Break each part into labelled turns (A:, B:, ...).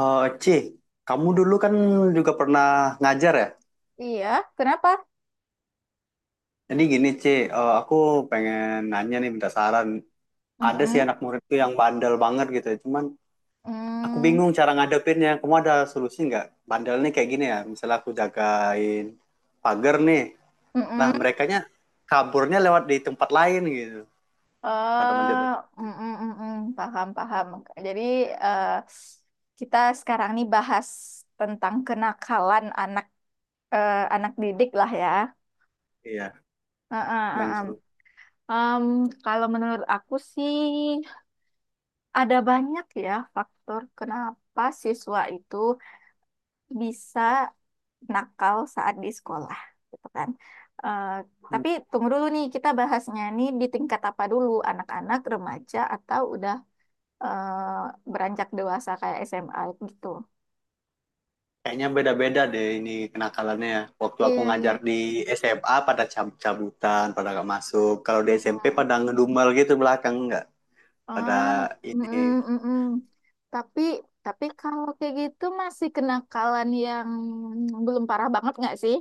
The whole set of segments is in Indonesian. A: Eh, C, kamu dulu kan juga pernah ngajar ya?
B: Iya, kenapa?
A: Jadi gini C, aku pengen nanya nih, minta saran. Ada sih
B: Mm-mm.
A: anak muridku yang bandel banget gitu, ya. Cuman aku
B: Mm.
A: bingung cara ngadepinnya. Kamu ada solusi nggak? Bandel nih kayak gini ya. Misalnya aku jagain pagar nih. Nah,
B: Mm-mm.
A: merekanya kaburnya lewat di tempat lain gitu. Pada manjat.
B: Eh, mm-mm, mm-mm. Paham, paham. Jadi eh, kita sekarang nih bahas tentang kenakalan anak anak didik lah ya.
A: Iya,
B: Heeh,
A: nanya
B: heeh.
A: solusi.
B: Em, kalau menurut aku sih ada banyak ya faktor kenapa siswa itu bisa nakal saat di sekolah gitu kan. Eh, tapi tunggu dulu nih kita bahasnya nih di tingkat apa dulu anak-anak remaja atau udah beranjak dewasa kayak SMA gitu.
A: Kayaknya beda-beda deh ini kenakalannya, ya. Waktu aku
B: Iya iya.
A: ngajar di SMA pada cabut-cabutan, pada nggak masuk. Kalau di SMP
B: Mm-mm.
A: pada ngedumel gitu belakang nggak. Pada
B: Ah,
A: ini.
B: mm-mm, mm-mm. Tapi tapi kalau kayak gitu masih kenakalan yang belum parah banget nggak sih?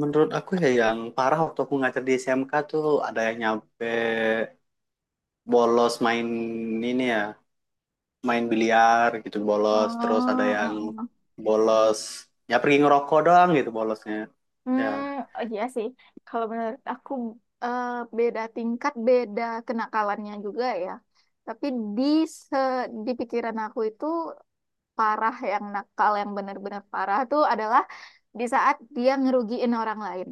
A: Menurut aku ya yang parah waktu aku ngajar di SMK tuh ada yang nyampe bolos main ini ya, main biliar gitu
B: Oh,
A: bolos. Terus ada yang
B: oh, oh.
A: bolos, ya pergi ngerokok doang gitu bolosnya. Ya,
B: Hmm, oh iya sih. Kalau menurut aku eh, beda tingkat, beda kenakalannya juga ya. Tapi di se di pikiran aku itu parah yang nakal yang benar-benar parah tuh adalah di saat dia ngerugiin orang lain.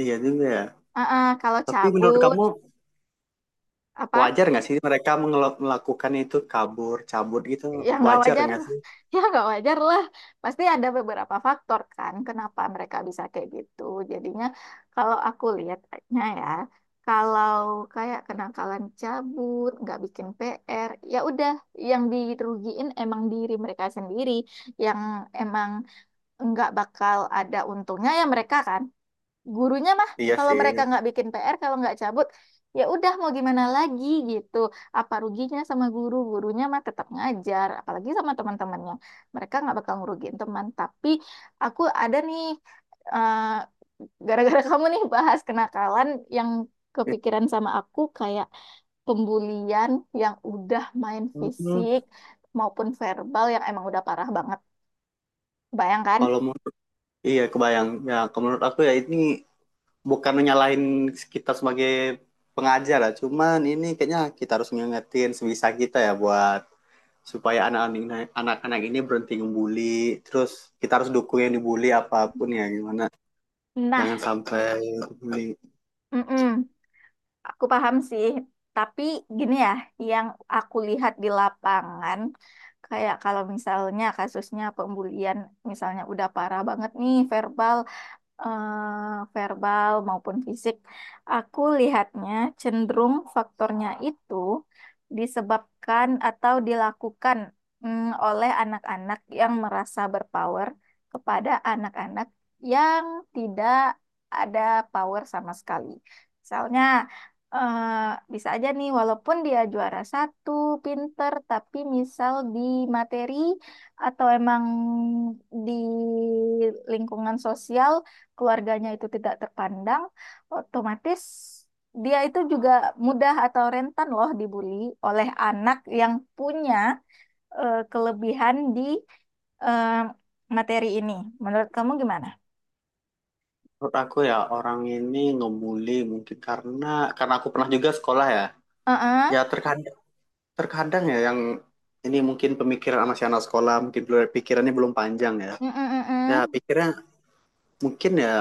A: iya juga ya.
B: Ah, ah, kalau
A: Tapi menurut
B: cabut
A: kamu,
B: apa?
A: wajar nggak sih mereka melakukan itu, kabur, cabut gitu?
B: Ya nggak
A: Wajar
B: wajar
A: nggak sih?
B: ya nggak wajar lah, pasti ada beberapa faktor kan kenapa mereka bisa kayak gitu. Jadinya kalau aku lihatnya ya, kalau kayak kenakalan cabut nggak bikin PR, ya udah, yang dirugiin emang diri mereka sendiri, yang emang nggak bakal ada untungnya ya mereka kan. Gurunya mah
A: Iya
B: kalau
A: sih.
B: mereka nggak bikin PR, kalau nggak cabut, ya udah mau gimana lagi gitu. Apa ruginya sama guru? Gurunya mah tetap ngajar, apalagi sama teman-temannya mereka nggak bakal ngerugiin teman. Tapi aku ada nih, eh, gara-gara kamu nih bahas kenakalan, yang kepikiran sama aku kayak pembulian yang udah main
A: Hmm,
B: fisik maupun verbal yang emang udah parah banget. Bayangkan.
A: Kalau mau, iya kebayang. Ya, kalau menurut aku ya ini bukan menyalahin kita sebagai pengajar lah. Cuman ini kayaknya kita harus ngingetin sebisa kita ya buat supaya anak-anak ini berhenti ngebully. Terus kita harus dukung yang dibully apapun ya gimana.
B: Nah,
A: Jangan sampai bully.
B: mm-mm. Aku paham sih, tapi gini ya, yang aku lihat di lapangan, kayak kalau misalnya kasusnya pembulian, misalnya udah parah banget nih verbal, verbal maupun fisik. Aku lihatnya cenderung faktornya itu disebabkan atau dilakukan, oleh anak-anak yang merasa berpower kepada anak-anak yang tidak ada power sama sekali. Misalnya, eh, bisa aja nih, walaupun dia juara 1, pinter, tapi misal di materi atau emang di lingkungan sosial keluarganya itu tidak terpandang, otomatis dia itu juga mudah atau rentan loh dibully oleh anak yang punya kelebihan di eh, materi ini. Menurut kamu gimana?
A: Menurut aku ya orang ini ngebully mungkin karena aku pernah juga sekolah ya.
B: Uh.
A: Ya terkadang terkadang ya yang ini mungkin pemikiran sama si anak sekolah mungkin pikirannya belum panjang ya.
B: Mm, mm,
A: Ya
B: mm.
A: pikirnya mungkin ya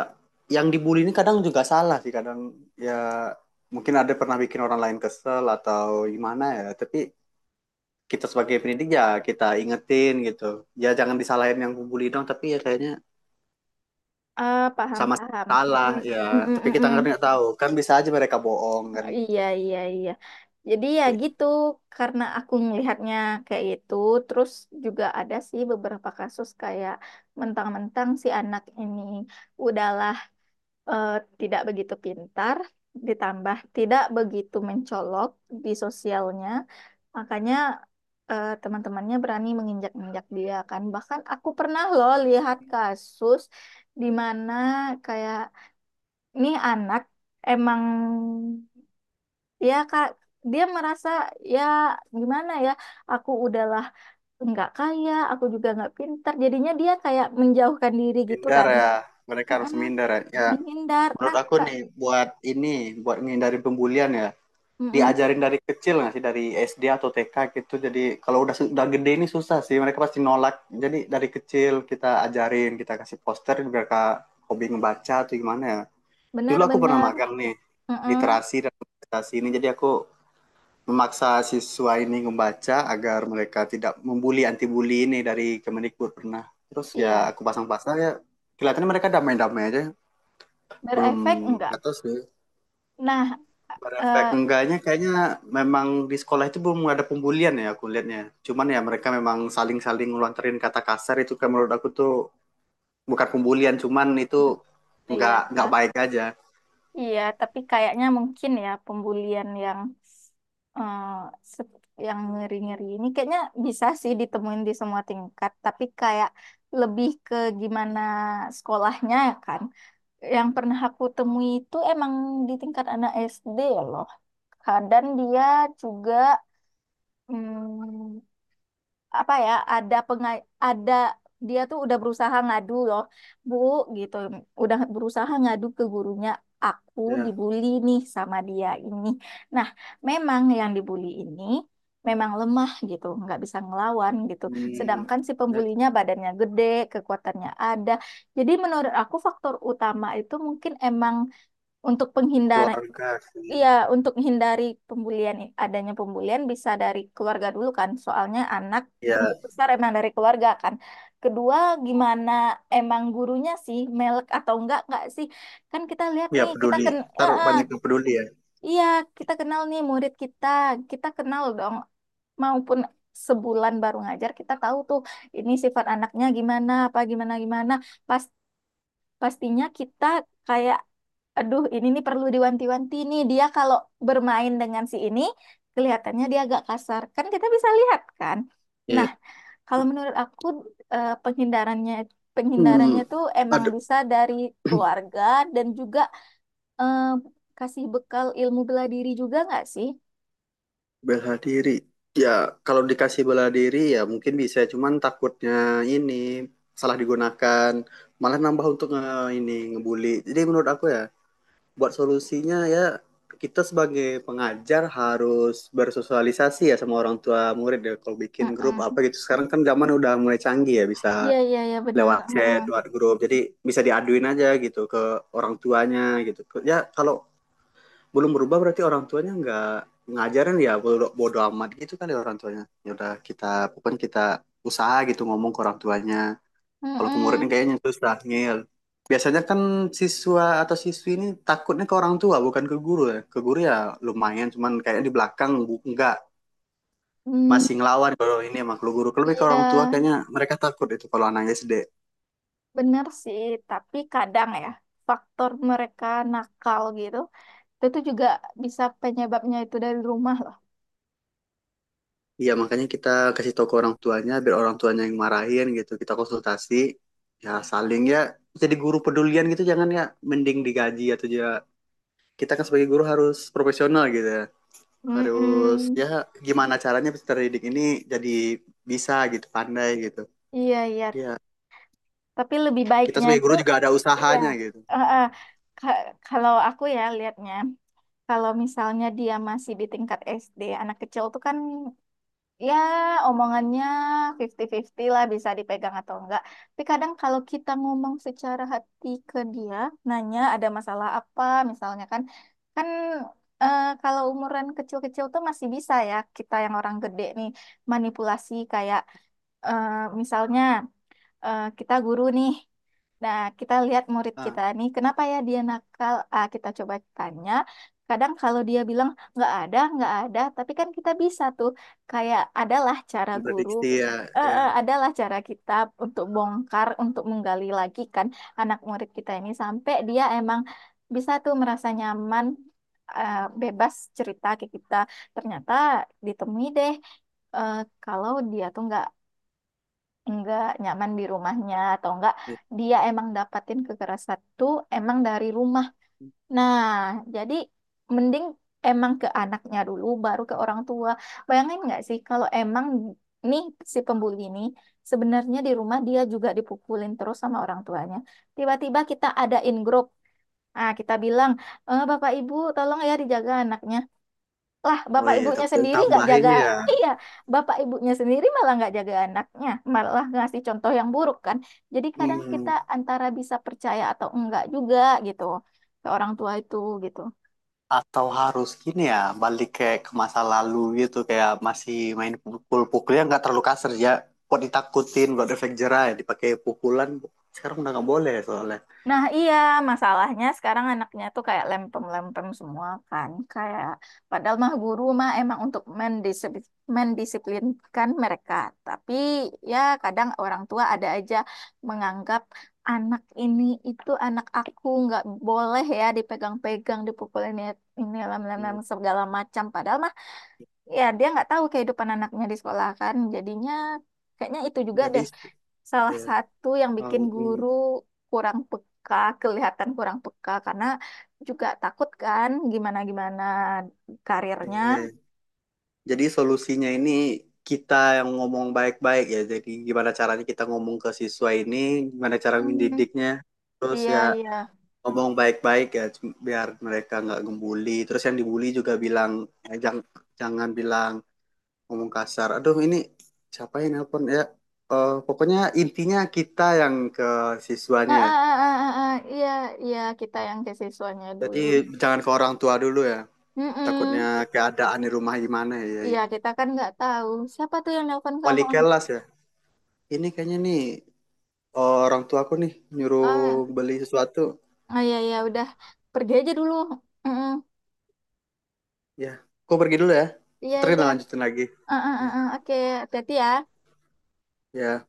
A: yang dibully ini kadang juga salah sih, kadang ya mungkin ada pernah bikin orang lain kesel atau gimana ya. Tapi kita sebagai pendidik ya kita ingetin gitu. Ya jangan disalahin yang pembuli dong, tapi ya kayaknya
B: Ah, paham,
A: sama
B: paham.
A: salah
B: Mm, mm,
A: ya.
B: mm,
A: Tapi
B: mm, mm,
A: kita nggak
B: mm.
A: tahu kan, bisa aja mereka bohong kan.
B: Oh, iya, iya, iya. Jadi ya gitu, karena aku melihatnya kayak itu. Terus juga ada sih beberapa kasus kayak mentang-mentang si anak ini udah eh, tidak begitu pintar, ditambah tidak begitu mencolok di sosialnya, makanya teman-temannya berani menginjak-injak dia kan. Bahkan aku pernah loh lihat kasus di mana kayak nih anak emang, ya kak, dia merasa, ya gimana ya, aku udahlah nggak kaya, aku juga nggak pintar, jadinya dia kayak menjauhkan diri gitu
A: Minder
B: kan.
A: ya, mereka harus
B: Mm-mm,
A: minder ya. Ya,
B: menghindar.
A: menurut
B: Nah,
A: aku
B: tak.
A: nih, buat menghindari pembulian ya,
B: Mm-mm.
A: diajarin dari kecil nggak sih dari SD atau TK gitu. Jadi kalau udah gede ini susah sih, mereka pasti nolak. Jadi dari kecil kita ajarin, kita kasih poster, mereka hobi ngebaca atau gimana ya. Dulu aku pernah
B: Benar-benar.
A: magang nih,
B: Mm-mm.
A: literasi dan literasi ini. Jadi aku memaksa siswa ini membaca agar mereka tidak membuli, anti bully ini dari Kemendikbud pernah. Terus ya
B: Iya.
A: aku pasang-pasang ya kelihatannya mereka damai-damai aja, belum
B: Berefek enggak?
A: atau sih.
B: Nah,
A: Berefek
B: eh,
A: enggaknya kayaknya memang di sekolah itu belum ada pembulian ya, aku lihatnya. Cuman ya mereka memang saling-saling ngelontarin kata kasar, itu kan menurut aku tuh bukan pembulian, cuman itu
B: iya,
A: enggak baik aja.
B: iya. Tapi kayaknya mungkin ya pembulian yang eh, se- yang ngeri-ngeri ini kayaknya bisa sih ditemuin di semua tingkat. Tapi kayak lebih ke gimana sekolahnya ya kan. Yang pernah aku temui itu emang di tingkat anak SD loh. Kadang dia juga hmm, apa ya, ada dia tuh udah berusaha ngadu loh bu gitu, udah berusaha ngadu ke gurunya, "Aku
A: Ya.
B: dibully nih sama dia ini." Nah, memang yang dibully ini memang lemah gitu, nggak bisa ngelawan gitu,
A: Hmm,
B: sedangkan si
A: dan
B: pembulinya badannya gede, kekuatannya ada. Jadi menurut aku faktor utama itu mungkin emang untuk penghindar.
A: keluarga sih.
B: Iya, untuk menghindari pembulian, adanya pembulian bisa dari keluarga dulu kan, soalnya anak
A: Ya,
B: tumbuh besar emang dari keluarga kan. Kedua, gimana emang gurunya sih, melek atau enggak sih? Kan kita lihat
A: ya
B: nih,
A: peduli. Ntar
B: eh, eh,
A: banyak yang peduli ya.
B: iya, kita kenal nih murid kita, kita kenal dong, maupun sebulan baru ngajar kita tahu tuh ini sifat anaknya gimana, apa gimana gimana. Pastinya kita kayak, aduh, ini nih perlu diwanti-wanti nih dia kalau bermain dengan si ini, kelihatannya dia agak kasar kan, kita bisa lihat kan.
A: Iya.
B: Nah, kalau menurut aku penghindarannya
A: Hmm,
B: penghindarannya tuh emang bisa dari keluarga, dan juga eh, kasih bekal ilmu bela diri juga nggak sih?
A: Bela diri. Ya, kalau dikasih bela diri ya mungkin bisa, cuman takutnya ini salah digunakan, malah nambah untuk ngebully. Jadi menurut aku ya, buat solusinya ya kita sebagai pengajar harus bersosialisasi ya sama orang tua murid ya, kalau bikin grup apa
B: Mm-mm.
A: gitu. Sekarang kan zaman udah mulai canggih ya, bisa
B: Iya, iya, iya benar.
A: lewat
B: Mm-mm.
A: chat, lewat grup. Jadi bisa diaduin aja gitu ke orang tuanya gitu. Ya kalau belum berubah berarti orang tuanya nggak ngajarin, ya bodo, bodo amat gitu kali orang tuanya. Ya udah kita, bukan kita, usaha gitu ngomong ke orang tuanya. Kalau ke muridnya
B: Mm-mm.
A: kayaknya susah, ngeyel. Biasanya kan siswa atau siswi ini takutnya ke orang tua bukan ke guru ya. Ke guru ya lumayan, cuman kayaknya di belakang bu, enggak,
B: Mm,
A: masih ngelawan kalau ini emang, kalau guru, kalau lebih ke
B: iya.
A: orang tua kayaknya mereka takut itu, kalau anaknya SD.
B: Bener sih, tapi kadang ya faktor mereka nakal gitu, itu juga bisa penyebabnya itu dari rumah loh.
A: Iya, makanya kita kasih tahu ke orang tuanya biar orang tuanya yang marahin gitu. Kita konsultasi ya, saling ya, jadi guru pedulian gitu, jangan ya mending digaji atau ya, kita kan sebagai guru harus profesional gitu ya. Harus ya
B: Mm-mm.
A: gimana caranya peserta didik ini jadi bisa gitu, pandai gitu.
B: Iya, iya.
A: Ya,
B: Tapi lebih
A: kita
B: baiknya
A: sebagai
B: itu,
A: guru juga ada
B: iya.
A: usahanya gitu.
B: Eh, eh, ka- kalau aku ya lihatnya, kalau misalnya dia masih di tingkat SD, anak kecil tuh kan. Ya, omongannya 50-50 lah, bisa dipegang atau enggak. Tapi kadang kalau kita ngomong secara hati ke dia, nanya ada masalah apa, misalnya kan, kan kalau umuran kecil-kecil tuh masih bisa ya, kita yang orang gede nih, manipulasi kayak, eh, misalnya, kita guru nih. Nah, kita lihat murid
A: Nah,
B: kita nih, kenapa ya dia nakal? Ah, kita coba tanya. Kadang kalau dia bilang nggak ada, tapi kan kita bisa tuh kayak, adalah cara guru,
A: memprediksi ya, ya.
B: adalah cara kita untuk bongkar, untuk menggali lagi kan anak murid kita ini sampai dia emang bisa tuh merasa nyaman, eh, bebas cerita ke kita. Ternyata ditemui deh eh, kalau dia tuh nggak enggak nyaman di rumahnya, atau enggak dia emang dapatin kekerasan itu emang dari rumah. Nah, jadi mending emang ke anaknya dulu baru ke orang tua. Bayangin nggak sih kalau emang nih si pembuli ini sebenarnya di rumah dia juga dipukulin terus sama orang tuanya. Tiba-tiba kita ada in Ah, kita bilang, "Eh, Bapak Ibu, tolong ya dijaga anaknya." Lah,
A: Oh
B: bapak
A: iya,
B: ibunya sendiri nggak
A: tambahin
B: jaga,
A: ya.
B: iya, bapak ibunya sendiri malah nggak jaga anaknya, malah ngasih contoh yang buruk kan. Jadi kadang kita
A: Hmm.
B: antara bisa percaya atau enggak juga gitu ke orang tua itu gitu.
A: Atau harus gini ya, balik kayak ke masa lalu gitu, kayak masih main pukul-pukulnya nggak terlalu kasar ya. Buat ditakutin, buat efek jerah ya, dipakai pukulan. Sekarang udah nggak boleh soalnya.
B: Nah, iya, masalahnya sekarang anaknya tuh kayak lempem-lempem semua kan. Kayak, padahal mah guru mah emang untuk mendisiplinkan mereka. Tapi ya kadang orang tua ada aja menganggap anak ini, itu anak aku nggak boleh ya dipegang-pegang, dipukulin ini lem-lem
A: Hmm.
B: segala macam. Padahal mah ya dia nggak tahu kehidupan anaknya di sekolah kan, jadinya kayaknya itu juga
A: Jadi,
B: deh salah
A: ya,
B: satu yang
A: oh,
B: bikin
A: mm,
B: guru kurang peka, kelihatan kurang peka karena juga takut kan gimana gimana karirnya.
A: iya. Jadi solusinya ini kita yang ngomong baik-baik ya. Jadi gimana caranya kita ngomong ke siswa ini, gimana cara
B: Hmm,
A: mendidiknya. Terus
B: iya
A: ya
B: iya.
A: ngomong baik-baik ya, biar mereka nggak gembuli. Terus yang dibully juga bilang, ya, jangan bilang ngomong kasar. Aduh, ini siapa yang nelpon ya? Pokoknya intinya kita yang ke
B: Ah,
A: siswanya ya.
B: ah, ah, ah, ah, ah, iya iya, kita yang ke siswanya
A: Jadi
B: dulu.
A: jangan ke orang tua dulu ya. Takutnya
B: Mm-mm.
A: keadaan di rumah gimana ya. Ya,
B: Iya,
A: ya.
B: kita kan nggak tahu siapa tuh yang nelpon kamu.
A: Wali kelas ya. Ini kayaknya nih, orang tua aku nih nyuruh
B: Ah,
A: beli sesuatu.
B: ah, iya iya, udah pergi aja dulu. Mm-mm.
A: Ya, aku pergi dulu ya.
B: Iya
A: Ntar kita
B: iya.
A: lanjutin lagi.
B: Ah, ah, ah,
A: Ya,
B: ah, oke, hati-hati ya.
A: ya.